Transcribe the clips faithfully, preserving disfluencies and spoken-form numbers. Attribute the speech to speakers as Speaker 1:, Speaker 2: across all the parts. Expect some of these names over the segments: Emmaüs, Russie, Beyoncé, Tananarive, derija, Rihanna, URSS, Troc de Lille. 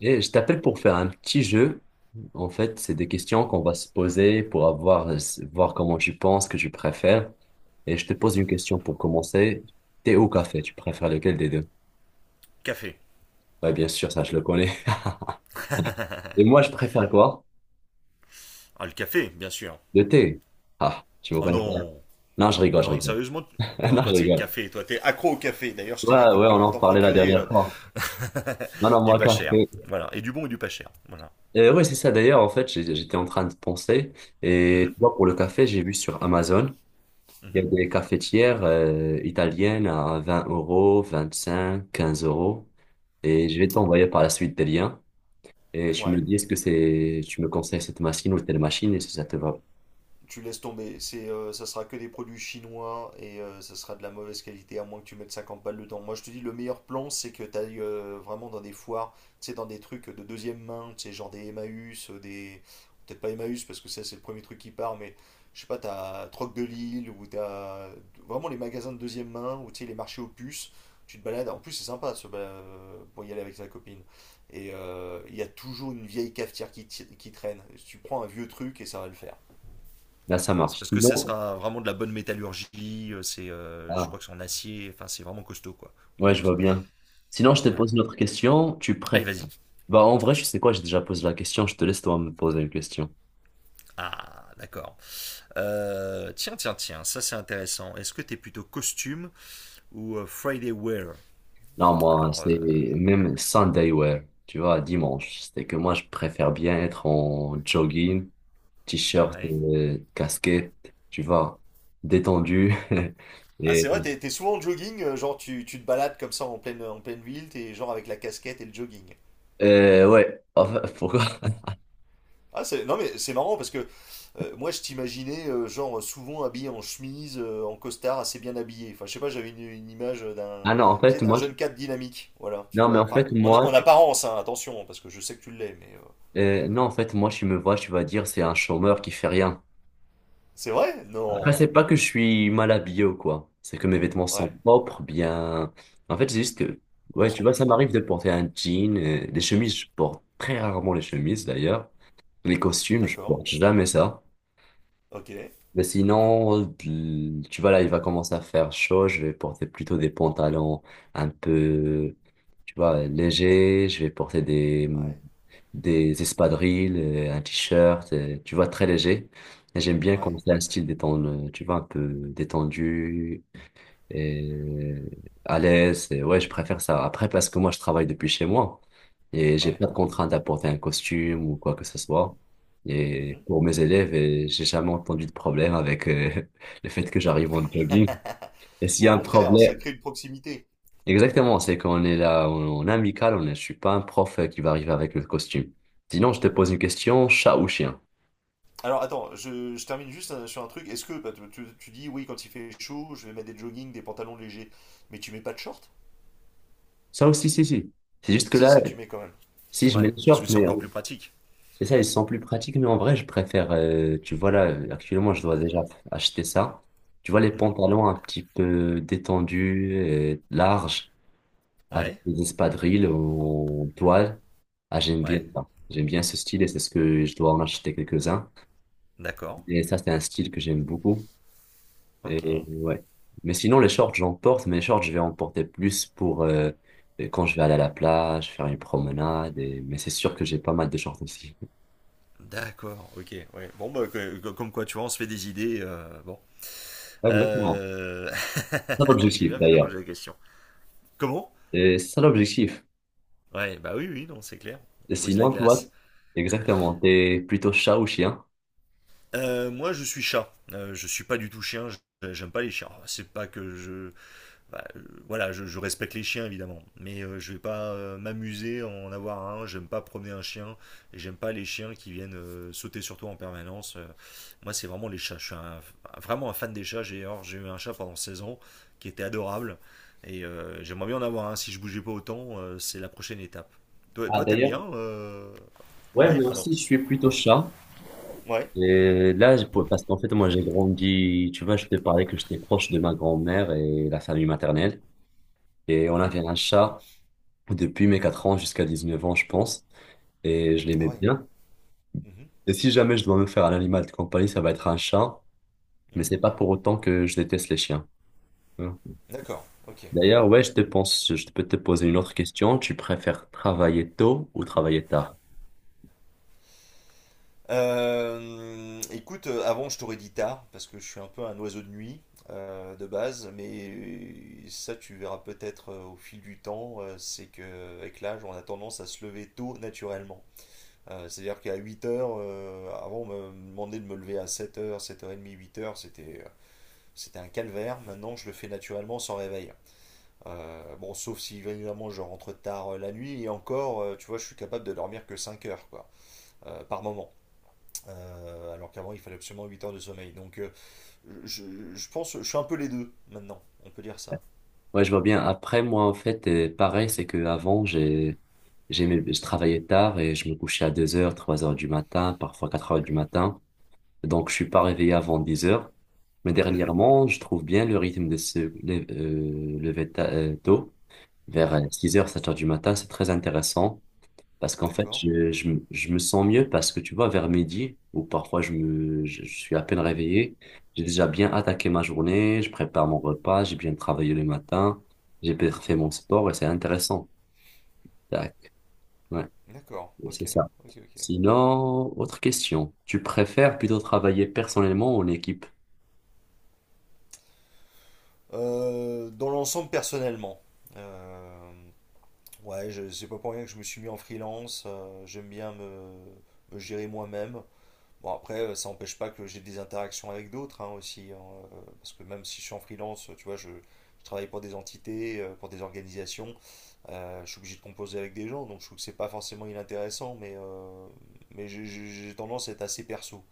Speaker 1: Et je t'appelle pour faire un petit jeu. En fait, c'est des questions qu'on va se poser pour avoir, voir comment tu penses, que tu préfères. Et je te pose une question pour commencer. Thé ou café, tu préfères lequel des deux?
Speaker 2: Café.
Speaker 1: Ouais, bien sûr, ça, je le connais. Et moi, je préfère quoi?
Speaker 2: Ah, le café, bien sûr.
Speaker 1: Le thé. Ah, tu me
Speaker 2: Oh
Speaker 1: connais pas.
Speaker 2: non.
Speaker 1: Non, je rigole, je
Speaker 2: Non,
Speaker 1: rigole.
Speaker 2: sérieusement. Non,
Speaker 1: Non, je
Speaker 2: toi, c'est
Speaker 1: rigole.
Speaker 2: café. Toi, t'es accro au café. D'ailleurs, je t'ai
Speaker 1: Ouais,
Speaker 2: dit
Speaker 1: ouais, on
Speaker 2: comment
Speaker 1: en
Speaker 2: t'en
Speaker 1: parlait la
Speaker 2: procurer
Speaker 1: dernière
Speaker 2: euh,
Speaker 1: fois. Non, non,
Speaker 2: du
Speaker 1: moi,
Speaker 2: pas cher.
Speaker 1: café.
Speaker 2: Voilà. Et du bon et du pas cher. Voilà.
Speaker 1: Euh, ouais, c'est ça. D'ailleurs, en fait, j'ai- j'étais en train de penser. Et tu
Speaker 2: Mhm,
Speaker 1: vois, pour le café, j'ai vu sur Amazon. Il y
Speaker 2: mhm.
Speaker 1: a des cafetières euh, italiennes à vingt euros, vingt-cinq, quinze euros. Et je vais t'envoyer par la suite des liens. Et tu me
Speaker 2: Ouais.
Speaker 1: dis est-ce que c'est, tu me conseilles cette machine ou telle machine et si ça te va.
Speaker 2: Tu laisses tomber. C'est, euh, ça sera que des produits chinois et euh, ça sera de la mauvaise qualité, à moins que tu mettes cinquante balles dedans. Moi, je te dis, le meilleur plan, c'est que tu ailles euh, vraiment dans des foires, tu sais, dans des trucs de deuxième main, tu sais, genre des Emmaüs, euh, des. Peut-être pas Emmaüs, parce que ça, c'est le premier truc qui part, mais je sais pas, t'as Troc de Lille, ou t'as vraiment les magasins de deuxième main, ou tu sais, les marchés aux puces. Tu te balades, en plus, c'est sympa ce, euh, pour y aller avec sa copine. Et il euh, y a toujours une vieille cafetière qui, t- qui traîne. Tu prends un vieux truc et ça va le faire.
Speaker 1: Là, ça
Speaker 2: C'est
Speaker 1: marche.
Speaker 2: parce que ça
Speaker 1: Sinon,
Speaker 2: sera vraiment de la bonne métallurgie, euh, c'est, euh, je
Speaker 1: ah,
Speaker 2: crois que c'est en acier, enfin c'est vraiment costaud quoi,
Speaker 1: ouais, je
Speaker 2: inox.
Speaker 1: vois bien. Sinon, je te
Speaker 2: Ouais.
Speaker 1: pose une autre question. Tu
Speaker 2: Allez,
Speaker 1: préfères.
Speaker 2: vas-y.
Speaker 1: Bah, en vrai, je sais quoi, j'ai déjà posé la question. Je te laisse toi me poser une question.
Speaker 2: Ah, d'accord. Euh, tiens tiens tiens, ça c'est intéressant. Est-ce que t'es plutôt costume ou euh, Friday wear?
Speaker 1: Non, moi,
Speaker 2: Alors, euh,
Speaker 1: c'est même Sunday wear. Tu vois, dimanche. C'est que moi, je préfère bien être en jogging t-shirt,
Speaker 2: ouais.
Speaker 1: euh, casquette, tu vois, détendu.
Speaker 2: Ah,
Speaker 1: Et,
Speaker 2: c'est vrai, t'es t'es souvent en jogging, euh, genre tu, tu te balades comme ça en pleine, en pleine ville, t'es genre avec la casquette et le jogging.
Speaker 1: euh, ouais, en fait, pourquoi?
Speaker 2: Ah, c'est... Non, mais c'est marrant parce que euh, moi, je t'imaginais, euh, genre, souvent habillé en chemise, euh, en costard, assez bien habillé. Enfin, je sais pas, j'avais une, une image d'un,
Speaker 1: Ah non, en
Speaker 2: tu sais,
Speaker 1: fait,
Speaker 2: d'un
Speaker 1: moi, je-
Speaker 2: jeune cadre dynamique. Voilà, tu
Speaker 1: non, mais
Speaker 2: vois.
Speaker 1: en
Speaker 2: Enfin,
Speaker 1: fait,
Speaker 2: en, a-
Speaker 1: moi,
Speaker 2: en
Speaker 1: tu,
Speaker 2: apparence, hein, attention, hein, parce que je sais que tu l'es, mais. euh,
Speaker 1: euh, non, en fait, moi, tu me vois, tu vas dire, c'est un chômeur qui fait rien.
Speaker 2: C'est vrai?
Speaker 1: Après, c'est
Speaker 2: Non.
Speaker 1: pas que je suis mal habillé ou quoi. C'est que mes vêtements sont
Speaker 2: Ouais.
Speaker 1: propres, bien. En fait, c'est juste que,
Speaker 2: Oh, il
Speaker 1: ouais, tu vois, ça
Speaker 2: s'empêche pas, ouais.
Speaker 1: m'arrive de porter un jean, euh, des chemises, je porte très rarement les chemises d'ailleurs. Les costumes, je
Speaker 2: D'accord.
Speaker 1: porte jamais ça.
Speaker 2: Ok. Ouais.
Speaker 1: Mais sinon, l- tu vois, là, il va commencer à faire chaud. Je vais porter plutôt des pantalons un peu, tu vois, légers. Je vais porter des, des espadrilles, euh, un t-shirt, euh, tu vois, très léger. Et j'aime bien quand
Speaker 2: Ouais.
Speaker 1: c'est un style détendu, tu vois, un peu détendu et à l'aise. Et ouais, je préfère ça. Après, parce que moi, je travaille depuis chez moi et j'ai
Speaker 2: Ouais.
Speaker 1: pas de contrainte d'apporter un costume ou quoi que ce soit. Et
Speaker 2: Mhm.
Speaker 1: pour mes élèves, et j'ai jamais entendu de problème avec euh, le fait que j'arrive en jogging. Et s'il y
Speaker 2: Au
Speaker 1: a un
Speaker 2: contraire, ça
Speaker 1: problème,
Speaker 2: crée une proximité.
Speaker 1: exactement, c'est qu'on est là on- on est amical, on est, je suis pas un prof euh, qui va arriver avec le costume. Sinon, je te pose une question, chat ou chien?
Speaker 2: Alors attends, je, je termine juste euh, sur un truc. Est-ce que bah, tu, tu- tu dis oui quand il fait chaud, je vais mettre des joggings, des pantalons légers, mais tu mets pas de short?
Speaker 1: Ça aussi, si, si. C'est juste que
Speaker 2: Si,
Speaker 1: là,
Speaker 2: ça tu mets quand même.
Speaker 1: si je mets
Speaker 2: Ouais,
Speaker 1: le
Speaker 2: parce que
Speaker 1: short,
Speaker 2: c'est
Speaker 1: mais
Speaker 2: encore plus pratique.
Speaker 1: C'est ça, ils sont plus pratiques, mais en vrai, je préfère, euh, tu vois là, euh, actuellement, je dois déjà acheter ça. Tu vois, les
Speaker 2: Mhm.
Speaker 1: pantalons un petit peu détendus, euh, larges, avec
Speaker 2: Ouais,
Speaker 1: des espadrilles en toile. Ah, j'aime bien
Speaker 2: ouais,
Speaker 1: ça. J'aime bien ce style et c'est ce que je dois en acheter quelques-uns.
Speaker 2: d'accord.
Speaker 1: Et ça, c'est un style que j'aime beaucoup. Et
Speaker 2: Ok.
Speaker 1: ouais. Mais sinon, les shorts, j'en porte, mais les shorts, je vais en porter plus pour euh, quand je vais aller à la plage, faire une promenade. et- Mais c'est sûr que j'ai pas mal de shorts aussi.
Speaker 2: D'accord, ok. Ouais. Bon, bah, que- que- comme quoi, tu vois, on se fait des idées. Euh, bon.
Speaker 1: Exactement.
Speaker 2: Euh,
Speaker 1: C'est
Speaker 2: J'ai
Speaker 1: l'objectif
Speaker 2: bien fait de
Speaker 1: d'ailleurs.
Speaker 2: poser la question. Comment?
Speaker 1: Et c'est ça l'objectif.
Speaker 2: Ouais, bah oui, oui, non, c'est clair.
Speaker 1: Et
Speaker 2: On brise la
Speaker 1: sinon, toi,
Speaker 2: glace.
Speaker 1: exactement, t'es plutôt chat ou chien?
Speaker 2: Euh, moi, je suis chat. Euh, je suis pas du tout chien. je- J'aime pas les chiens. Oh, c'est pas que je, bah, euh, voilà, je, je respecte les chiens évidemment, mais euh, je vais pas euh, m'amuser à en avoir un. J'aime pas promener un chien et j'aime pas les chiens qui viennent euh, sauter sur toi en permanence. Euh, moi, c'est vraiment les chats. Je suis un- vraiment un fan des chats. J'ai alors, j'ai eu un chat pendant seize ans qui était adorable et euh, j'aimerais bien en avoir un. Si je bougeais pas autant, euh, c'est la prochaine étape. Toi,
Speaker 1: Ah,
Speaker 2: toi, t'aimes
Speaker 1: d'ailleurs,
Speaker 2: bien euh,
Speaker 1: ouais,
Speaker 2: Ouais,
Speaker 1: moi
Speaker 2: pardon.
Speaker 1: aussi, je suis plutôt chat.
Speaker 2: Ouais.
Speaker 1: Et là, je pourrais- parce qu'en fait, moi, j'ai grandi, tu vois, je t'ai parlé que j'étais proche de ma grand-mère et la famille maternelle. Et on
Speaker 2: Mhm.
Speaker 1: avait un chat depuis mes quatre ans jusqu'à dix neuf ans, je pense. Et je l'aimais
Speaker 2: Ah ouais.
Speaker 1: bien.
Speaker 2: Mhm.
Speaker 1: Et si jamais je dois me faire un animal de compagnie, ça va être un chat. Mais
Speaker 2: Mhm.
Speaker 1: c'est pas pour autant que je déteste les chiens.
Speaker 2: D'accord, ok.
Speaker 1: D'ailleurs, ouais, je te pense, je peux te poser une autre question. Tu préfères travailler tôt ou travailler tard?
Speaker 2: Euh, écoute, euh, avant je t'aurais dit tard, parce que je suis un peu un oiseau de nuit euh, de base, mais ça tu verras peut-être euh, au fil du temps, euh, c'est que avec l'âge on a tendance à se lever tôt naturellement. Euh, c'est-à-dire qu'à huit heures, euh, avant on me demandait de me lever à sept heures, sept heures trente, huit heures, c'était euh, c'était un calvaire, maintenant je le fais naturellement sans réveil. Euh, bon, sauf si évidemment je rentre tard euh, la nuit, et encore, euh, tu vois, je suis capable de dormir que cinq heures quoi, euh, par moment. Euh, alors qu'avant, il fallait absolument huit heures de sommeil. Donc, euh, je, je pense, je suis un peu les deux maintenant. On peut dire ça.
Speaker 1: Ouais, je vois bien. Après, moi, en fait, euh, pareil, c'est que avant, j'ai, j'aimais, je travaillais tard et je me couchais à deux heures, trois heures du matin, parfois quatre heures du matin. Donc, je suis pas réveillé avant dix heures. Mais
Speaker 2: Mhm,
Speaker 1: dernièrement, je trouve bien le rythme de se lé- euh, lever ta- euh, tôt, vers euh,
Speaker 2: mhm,
Speaker 1: six heures, sept heures du matin. C'est très intéressant. Parce qu'en fait,
Speaker 2: d'accord.
Speaker 1: je, je, me je me sens mieux parce que tu vois, vers midi, ou parfois je me, je, je suis à peine réveillé, j'ai déjà bien attaqué ma journée, je prépare mon repas, j'ai bien travaillé le matin, j'ai bien fait
Speaker 2: Mhm,
Speaker 1: mon sport et c'est intéressant. Tac. Ouais,
Speaker 2: d'accord. Ok,
Speaker 1: c'est ça.
Speaker 2: ok, ok.
Speaker 1: Sinon, autre question. Tu préfères plutôt travailler personnellement ou en équipe?
Speaker 2: Euh, dans l'ensemble, personnellement, euh, ouais, je- c'est pas pour rien que je me suis mis en freelance. euh, j'aime bien me, me gérer moi-même. Bon, après, euh, ça n'empêche pas que j'ai des interactions avec d'autres hein, aussi. Hein, euh, parce que même si je suis en freelance, euh, tu vois, je, je travaille pour des entités, euh, pour des organisations, euh, je suis obligé de composer avec des gens, donc je trouve que c'est pas forcément inintéressant, mais, euh, mais j'ai j'ai- j'ai tendance à être assez perso.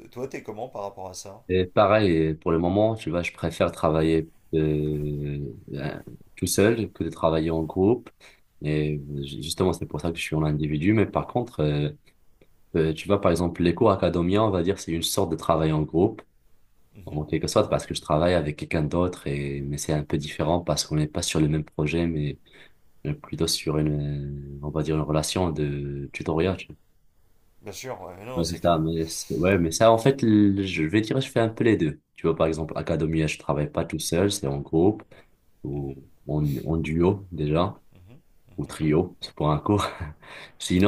Speaker 2: Euh, Toi, t'es comment par rapport à ça?
Speaker 1: Et pareil, pour le moment, tu vois, je préfère travailler euh, euh, tout seul que de travailler en groupe. Et ju- justement, c'est pour ça que je suis en individu. Mais par contre, euh, euh, tu vois, par exemple, les cours académiens, on va dire, c'est une sorte de travail en groupe,
Speaker 2: Mhm.
Speaker 1: en quelque sorte, parce que je travaille avec quelqu'un d'autre. Et mais c'est un peu différent parce qu'on n'est pas sur le même projet, mais euh, plutôt sur une, euh, on va dire, une relation de tutoriel.
Speaker 2: Bien sûr, ouais, non, non,
Speaker 1: Ouais, c'est
Speaker 2: c'est
Speaker 1: ça,
Speaker 2: clair.
Speaker 1: mais, c'est- ouais, mais ça, en fait, le- je vais dire, je fais un peu les deux. Tu vois, par exemple, Academia, je travaille pas tout seul, c'est en groupe, ou
Speaker 2: Mhm,
Speaker 1: en, en duo, déjà,
Speaker 2: mhm,
Speaker 1: ou
Speaker 2: mhm.
Speaker 1: trio, c'est pour un cours.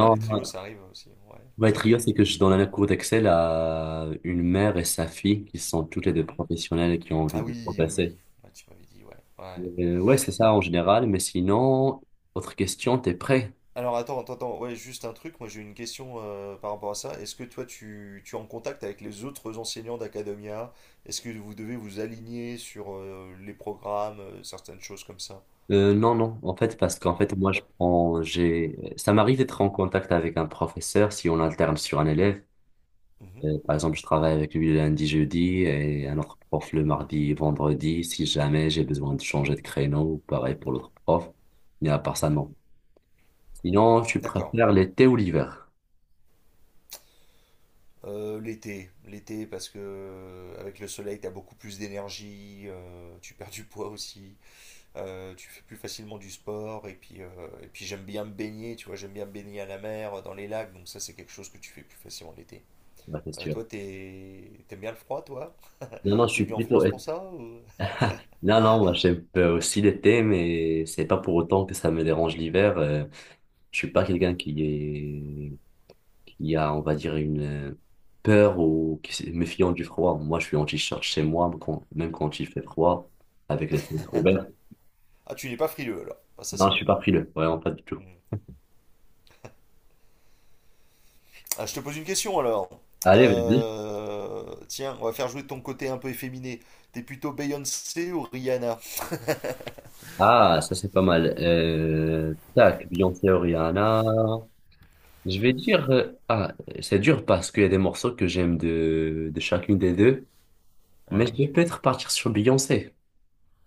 Speaker 2: Ah, les trios, ça arrive aussi, ouais,
Speaker 1: ouais,
Speaker 2: ok.
Speaker 1: trio, c'est que je donne un cours d'Excel à une mère et sa fille, qui sont toutes les deux
Speaker 2: Mhm.
Speaker 1: professionnelles et qui ont envie
Speaker 2: Ah
Speaker 1: de
Speaker 2: oui, oui, oui,
Speaker 1: progresser.
Speaker 2: ouais, tu m'avais dit, ouais, ouais.
Speaker 1: Euh, ouais, c'est ça, en général, mais sinon, autre question, t'es prêt?
Speaker 2: Alors attends, attends, attends, ouais, juste un truc, moi j'ai une question euh, par rapport à ça. Est-ce que toi tu, tu es en contact avec les autres enseignants d'Academia? Est-ce que vous devez vous aligner sur euh, les programmes, euh, certaines choses comme ça?
Speaker 1: Euh, non, non, en fait, parce qu'en fait,
Speaker 2: Non,
Speaker 1: moi, je
Speaker 2: t'as-
Speaker 1: prends, j'ai, ça m'arrive d'être en contact avec un professeur si on alterne sur un élève.
Speaker 2: Mhm,
Speaker 1: Euh, par exemple, je travaille avec lui le lundi, jeudi et un autre prof le mardi, vendredi, si jamais j'ai besoin de changer de créneau, ou pareil pour l'autre prof. Mais à part ça,
Speaker 2: mhm.
Speaker 1: non. Sinon, tu
Speaker 2: D'accord.
Speaker 1: préfères l'été ou l'hiver?
Speaker 2: Euh, l'été, l'été parce que euh, avec le soleil t'as beaucoup plus d'énergie, euh, tu perds du poids aussi, euh, tu fais plus facilement du sport et puis euh, et puis j'aime bien me baigner, tu vois, j'aime bien me baigner à la mer, dans les lacs, donc ça c'est quelque chose que tu fais plus facilement l'été.
Speaker 1: Ouais, c'est
Speaker 2: Euh,
Speaker 1: sûr.
Speaker 2: toi, t'es- t'aimes bien le froid, toi?
Speaker 1: Non, non, je
Speaker 2: T'es
Speaker 1: suis
Speaker 2: venu en
Speaker 1: plutôt
Speaker 2: France pour
Speaker 1: été.
Speaker 2: ça? ou-
Speaker 1: Non, non, moi, j'aime euh, aussi l'été, mais c'est pas pour autant que ça me dérange l'hiver. Euh, je suis pas quelqu'un qui est Il y a, on va dire, une euh, peur ou qui se méfiant du froid. Moi, je suis en t-shirt chez moi, quand- même quand il fait froid, avec les fenêtres ouvertes.
Speaker 2: Ah, tu n'es pas frileux alors. Ah, ça,
Speaker 1: Non,
Speaker 2: c'est
Speaker 1: je
Speaker 2: bien.
Speaker 1: suis pas frileux, vraiment pas du tout.
Speaker 2: Mm. Ah, je te pose une question alors.
Speaker 1: Allez, vas-y.
Speaker 2: Euh, Tiens, on va faire jouer ton côté un peu efféminé. T'es plutôt Beyoncé ou Rihanna?
Speaker 1: Ah, ça, c'est pas mal. Euh, tac, Beyoncé, Rihanna. Je vais dire, euh, ah, c'est dur parce qu'il y a des morceaux que j'aime de, de chacune des deux, mais je
Speaker 2: Ouais.
Speaker 1: vais peut-être partir sur Beyoncé,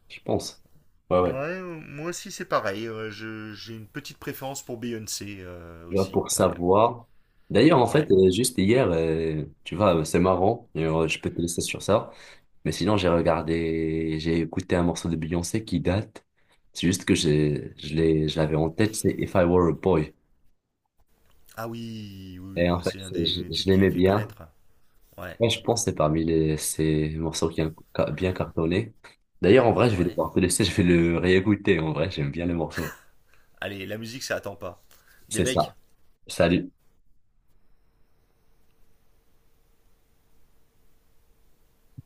Speaker 1: je pense. Ouais,
Speaker 2: Ouais,
Speaker 1: ouais.
Speaker 2: euh, moi aussi c'est pareil. Euh, je- j'ai une petite préférence pour Beyoncé euh,
Speaker 1: Tu vois,
Speaker 2: aussi.
Speaker 1: pour
Speaker 2: Ouais,
Speaker 1: savoir. D'ailleurs, en fait,
Speaker 2: ouais.
Speaker 1: euh, juste hier, euh, tu vois, euh, c'est marrant, et, euh, je peux te laisser sur ça, mais sinon, j'ai regardé, j'ai écouté un morceau de Beyoncé qui date, c'est juste que j'ai, je l'ai, je l'avais en tête, c'est If I Were a Boy.
Speaker 2: Ah oui, oui, oui,
Speaker 1: Et
Speaker 2: bah
Speaker 1: en fait,
Speaker 2: c'est un
Speaker 1: c'est- je,
Speaker 2: des
Speaker 1: je
Speaker 2: études qui l'a
Speaker 1: l'aimais
Speaker 2: fait
Speaker 1: bien.
Speaker 2: connaître. Ouais,
Speaker 1: Ouais, je pense que c'est parmi les, ces morceaux qui ont ca- bien cartonné. D'ailleurs, en vrai, je vais
Speaker 2: ouais.
Speaker 1: devoir te laisser, je vais le réécouter, en vrai, j'aime bien les morceaux
Speaker 2: Allez, la musique ça attend pas. Des
Speaker 1: C'est
Speaker 2: becs.
Speaker 1: ça. Salut.